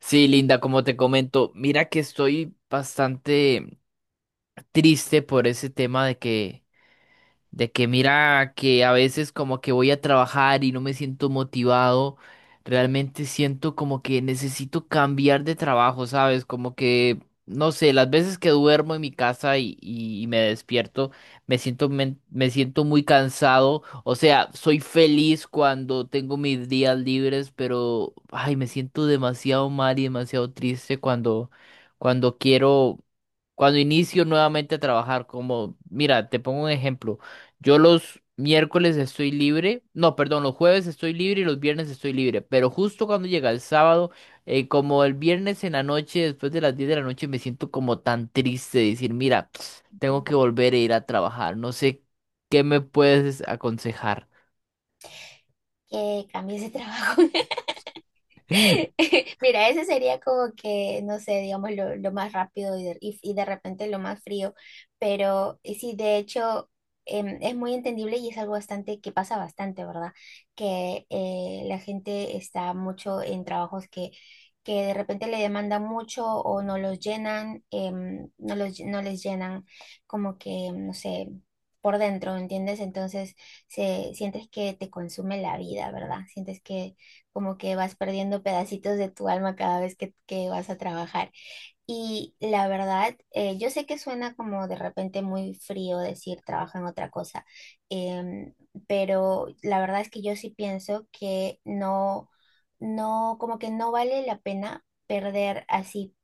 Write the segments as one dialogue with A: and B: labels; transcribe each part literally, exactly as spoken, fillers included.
A: Sí, Linda, como te comento, mira que estoy bastante triste por ese tema de que de que mira que a veces como que voy a trabajar y no me siento motivado, realmente siento como que necesito cambiar de trabajo, ¿sabes? Como que, no sé, las veces que duermo en mi casa y, y- y me despierto, me siento, men- me siento muy cansado, o sea, soy feliz cuando tengo mis días libres, pero, ay, me siento demasiado mal y demasiado triste cuando, cuando quiero, cuando inicio nuevamente a trabajar, como, mira, te pongo un ejemplo. Yo los miércoles estoy libre, no, perdón, los jueves estoy libre y los viernes estoy libre, pero justo cuando llega el sábado, eh, como el viernes en la noche, después de las diez de la noche, me siento como tan triste de decir, mira, tengo que volver a ir a trabajar, no sé qué me puedes aconsejar.
B: Que cambies de trabajo. Mira, ese sería como que, no sé, digamos, lo, lo más rápido y de, y- y de repente lo más frío, pero eh, sí, de hecho, em, es muy entendible y es algo bastante que pasa bastante, ¿verdad? Que eh, la gente está mucho en trabajos que, que de repente le demandan mucho o no los llenan, em, no los, no les llenan como que, no sé, por dentro, ¿entiendes? Entonces, se, sientes que te consume la vida, ¿verdad? Sientes que como que vas perdiendo pedacitos de tu alma cada vez que, que vas a trabajar. Y la verdad, eh, yo sé que suena como de repente muy frío decir trabaja en otra cosa, em, pero la verdad es que yo sí pienso que no, no, como que no vale la pena perder así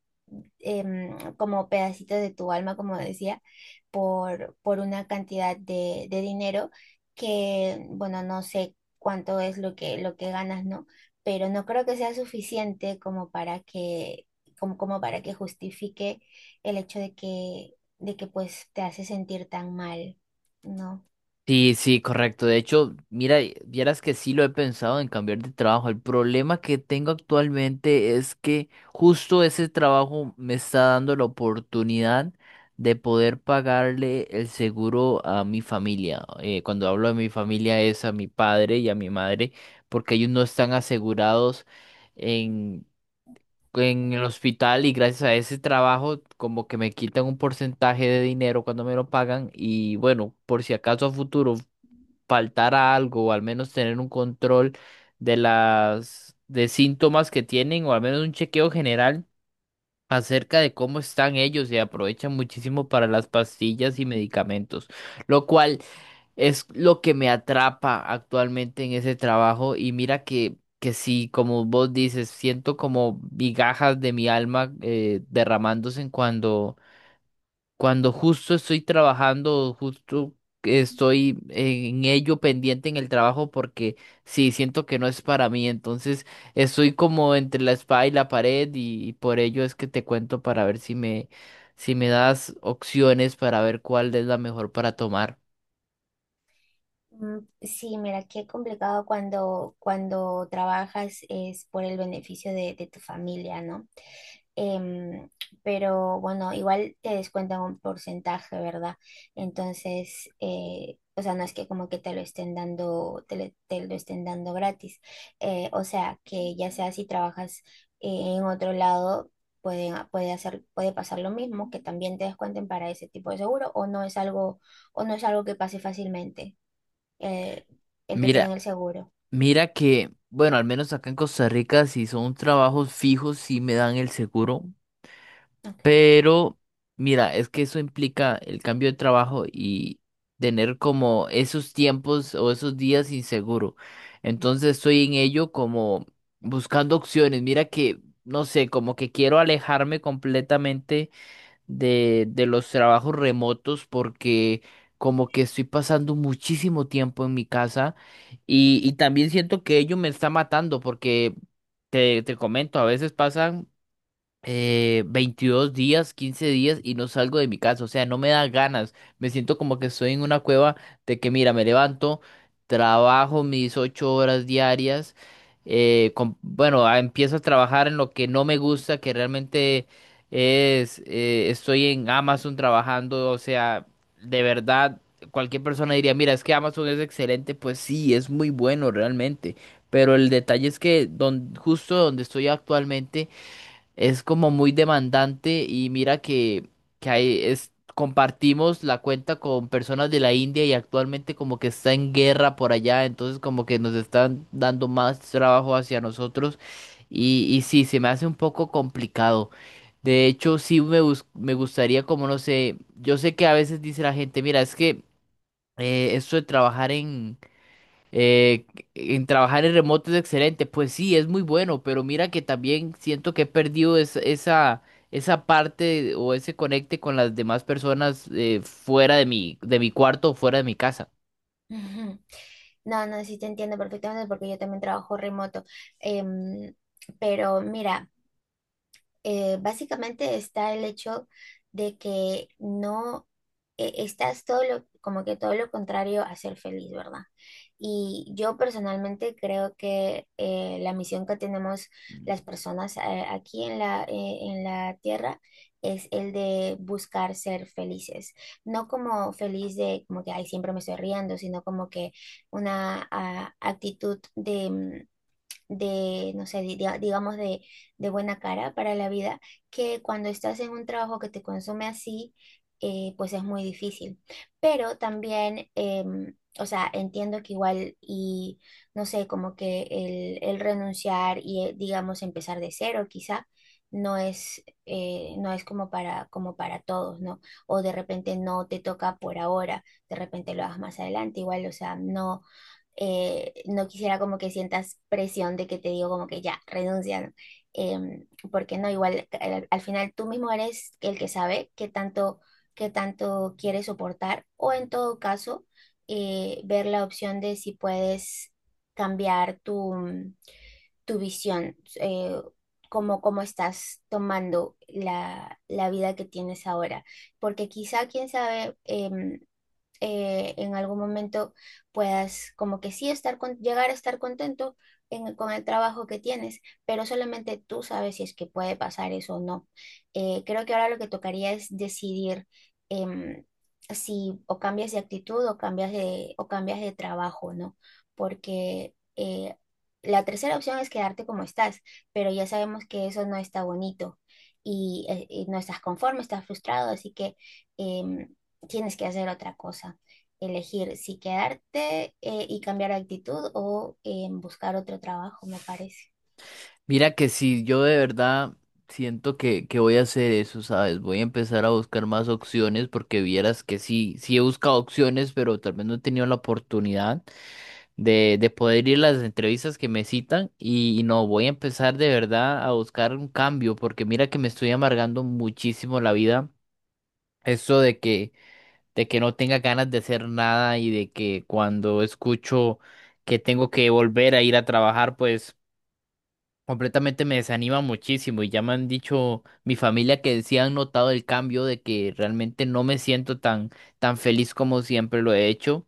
B: em, como pedacitos de tu alma, como decía, por, por una cantidad de, de dinero que, bueno, no sé cuánto es lo que, lo que ganas, ¿no? Pero no creo que sea suficiente como para que como, como para que justifique el hecho de que, de que pues te hace sentir tan mal, ¿no?
A: Sí, sí, correcto. De hecho, mira, vieras que sí lo he pensado en cambiar de trabajo. El problema que tengo actualmente es que justo ese trabajo me está dando la oportunidad de poder pagarle el seguro a mi familia. Eh, cuando hablo de mi familia es a mi padre y a mi madre, porque ellos no están asegurados en, en el hospital y gracias a ese trabajo como que me quitan un porcentaje de dinero cuando me lo pagan y bueno, por si acaso a futuro faltara algo o al menos tener un control de las de síntomas que tienen o al menos un chequeo general acerca de cómo están ellos y aprovechan muchísimo para las pastillas y medicamentos, lo cual es lo que me atrapa actualmente en ese trabajo y mira que, que sí, como vos dices, siento como migajas de mi alma eh, derramándose en cuando cuando justo estoy trabajando, justo estoy en ello pendiente en el trabajo porque sí, siento que no es para mí. Entonces estoy como entre la espada y la pared y, y por ello es que te cuento para ver si me, si me das opciones para ver cuál es la mejor para tomar.
B: Mm, sí, mira, qué complicado cuando, cuando trabajas es por el beneficio de, de tu familia, ¿no? Em, pero bueno, igual te descuentan un porcentaje, ¿verdad? Entonces, eh, o sea, no es que como que te lo estén dando, te, le- te lo estén dando gratis. Eh, o sea, que ya sea si trabajas eh, en otro lado, puede, puede hacer, puede pasar lo mismo, que también te descuenten para ese tipo de seguro, o no es algo, o no es algo que pase fácilmente, eh, el que te
A: Mira,
B: den el seguro.
A: mira que, bueno, al menos acá en Costa Rica, si son trabajos fijos, sí me dan el seguro.
B: Ok.
A: Pero, mira, es que eso implica el cambio de trabajo y tener como esos tiempos o esos días inseguro. Entonces estoy en ello como buscando opciones. Mira que, no sé, como que quiero alejarme completamente de, de los trabajos remotos porque como que estoy pasando muchísimo tiempo en mi casa y, y también siento que ello me está matando porque... Te, te comento, a veces pasan eh, veintidós días, quince días y no salgo de mi casa. O sea, no me da ganas. Me siento como que estoy en una cueva de que, mira, me levanto, trabajo mis ocho horas diarias. Eh, com- bueno, ah, empiezo a trabajar en lo que no me gusta, que realmente es, eh, estoy en Amazon trabajando. O sea, de verdad, cualquier persona diría, mira, es que Amazon es excelente. Pues sí, es muy bueno realmente. Pero el detalle es que don- justo donde estoy actualmente, es como muy demandante y mira que, que hay es, compartimos la cuenta con personas de la India y actualmente como que está en guerra por allá, entonces como que nos están dando más trabajo hacia nosotros y, y sí, se me hace un poco complicado. De hecho, sí me, bus- me gustaría como, no sé, yo sé que a veces dice la gente, mira, es que eh, esto de trabajar eh, en trabajar en remoto es excelente, pues sí, es muy bueno, pero mira que también siento que he perdido es- esa, esa parte o ese conecte con las demás personas eh, fuera de mi, de mi cuarto o fuera de mi casa.
B: No, no, sí te entiendo perfectamente porque yo también trabajo remoto. Em, pero mira, eh, básicamente está el hecho de que no eh, estás todo lo, como que todo lo contrario a ser feliz, ¿verdad? Y yo personalmente creo que eh, la misión que tenemos las personas eh, aquí en la, eh, en la Tierra es el de buscar ser felices, no como feliz de como que ay, siempre me estoy riendo, sino como que una ah, actitud de, mm, de, no sé, di- dia- digamos de, de buena cara para la vida, que cuando estás en un trabajo que te consume así, eh, pues es muy difícil. Pero también, em, o sea, entiendo que igual y, no sé, como que el, el renunciar y, eh, digamos, empezar de cero quizá. No es, eh, no es como para, como para todos, ¿no? O de repente no te toca por ahora, de repente lo hagas más adelante, igual, o sea, no, eh, no quisiera como que sientas presión de que te digo como que ya, renuncia, ¿no? Em, porque no, igual al, al final tú mismo eres el que sabe qué tanto, qué tanto quieres soportar o en todo caso eh, ver la opción de si puedes cambiar tu, mm, tu visión, eh, cómo, cómo estás tomando la, la vida que tienes ahora, porque quizá, quién sabe, em, eh, en algún momento puedas como que sí estar con, llegar a estar contento en- con el trabajo que tienes, pero solamente tú sabes si es que puede pasar eso o no. Eh, creo que ahora lo que tocaría es decidir em, si o cambias de actitud o cambias de, o cambias de trabajo, ¿no? Porque eh, la tercera opción es quedarte como estás, pero ya sabemos que eso no está bonito. Y, eh, y no estás conforme, estás frustrado, así que em, tienes que hacer otra cosa, elegir si quedarte eh, y cambiar de actitud o eh, buscar otro trabajo, me parece.
A: Mira que si yo de verdad siento que, que voy a hacer eso, ¿sabes? Voy a empezar a buscar más opciones porque vieras que sí, sí he buscado opciones, pero tal vez no he tenido la oportunidad, de, de poder ir a las entrevistas que me citan y, y no, voy a empezar de verdad a buscar un cambio porque mira que me estoy amargando muchísimo la vida. Eso de que, de que, no tenga ganas de hacer nada y de que cuando escucho que tengo que volver a ir a trabajar, pues completamente me desanima muchísimo y ya me han dicho mi familia que sí han notado el cambio de que realmente no me siento tan, tan feliz como siempre lo he hecho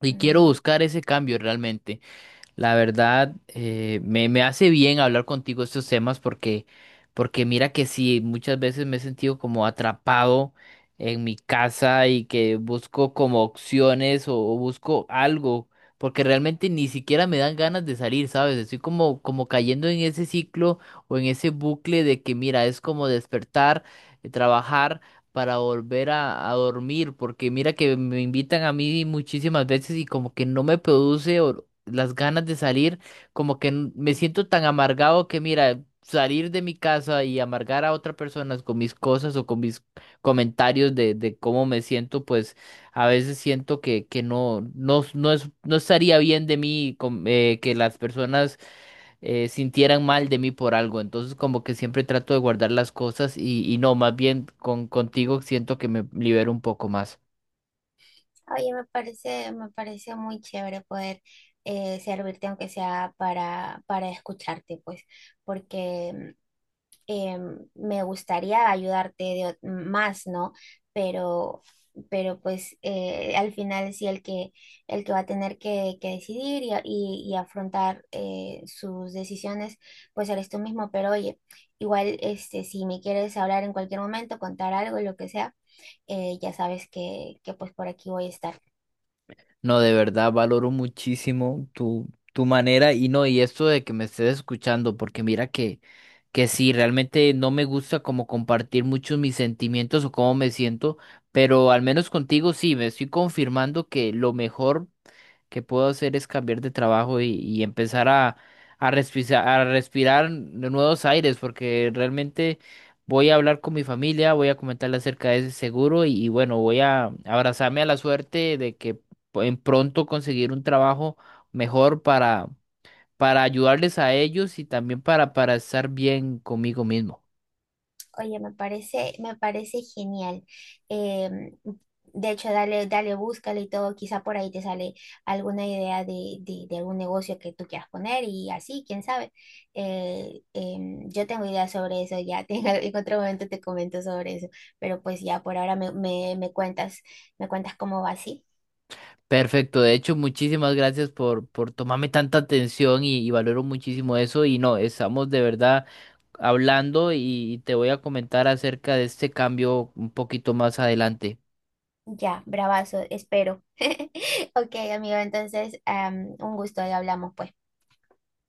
A: y quiero
B: Mm.
A: buscar ese cambio realmente. La verdad, eh, me, me hace bien hablar contigo estos temas porque, porque mira que sí, muchas veces me he sentido como atrapado en mi casa y que busco como opciones o, o busco algo, porque realmente ni siquiera me dan ganas de salir, ¿sabes? Estoy como, como cayendo en ese ciclo o en ese bucle de que mira, es como despertar, eh, trabajar para volver a, a dormir, porque mira que me invitan a mí muchísimas veces y como que no me produce or- las ganas de salir, como que n- me siento tan amargado que mira, salir de mi casa y amargar a otras personas con mis cosas o con mis comentarios de, de cómo me siento, pues a veces siento que, que no, no, no es, no estaría bien de mí com- eh, que las personas eh, sintieran mal de mí por algo. Entonces como que siempre trato de guardar las cosas y, y no, más bien con, contigo siento que me libero un poco más.
B: Oye, me parece, me parece muy chévere poder eh, servirte, aunque sea para, para escucharte, pues, porque eh, me gustaría ayudarte de ot- más, ¿no? Pero, pero pues eh, al final sí el que, el que va a tener que, que decidir y, a- y- y afrontar eh, sus decisiones, pues eres tú mismo. Pero oye, igual este, si me quieres hablar en cualquier momento, contar algo, lo que sea, eh, ya sabes que, que pues por aquí voy a estar.
A: No, de verdad, valoro muchísimo tu, tu manera y no, y esto de que me estés escuchando, porque mira que, que sí, realmente no me gusta como compartir mucho mis sentimientos o cómo me siento, pero al menos contigo sí, me estoy confirmando que lo mejor que puedo hacer es cambiar de trabajo y, y empezar a, a respirar, a respirar nuevos aires, porque realmente voy a hablar con mi familia, voy a comentarle acerca de ese seguro y, y bueno, voy a abrazarme a la suerte de que pu- en pronto conseguir un trabajo mejor para, para ayudarles a ellos y también para, para estar bien conmigo mismo.
B: Oye, me parece, me parece genial. Em, de hecho, dale, dale, búscale y todo. Quizá por ahí te sale alguna idea de, de, de algún negocio que tú quieras poner y así, quién sabe. Eh, em, yo tengo ideas sobre eso, ya te- en otro momento te comento sobre eso, pero pues ya por ahora me, me, me cuentas, me cuentas cómo va así.
A: Perfecto, de hecho, muchísimas gracias por, por tomarme tanta atención y, y valoro muchísimo eso y no, estamos de verdad hablando y te voy a comentar acerca de este cambio un poquito más adelante.
B: Ya, bravazo, espero. Ok, amigo, entonces, am, un gusto y hablamos pues.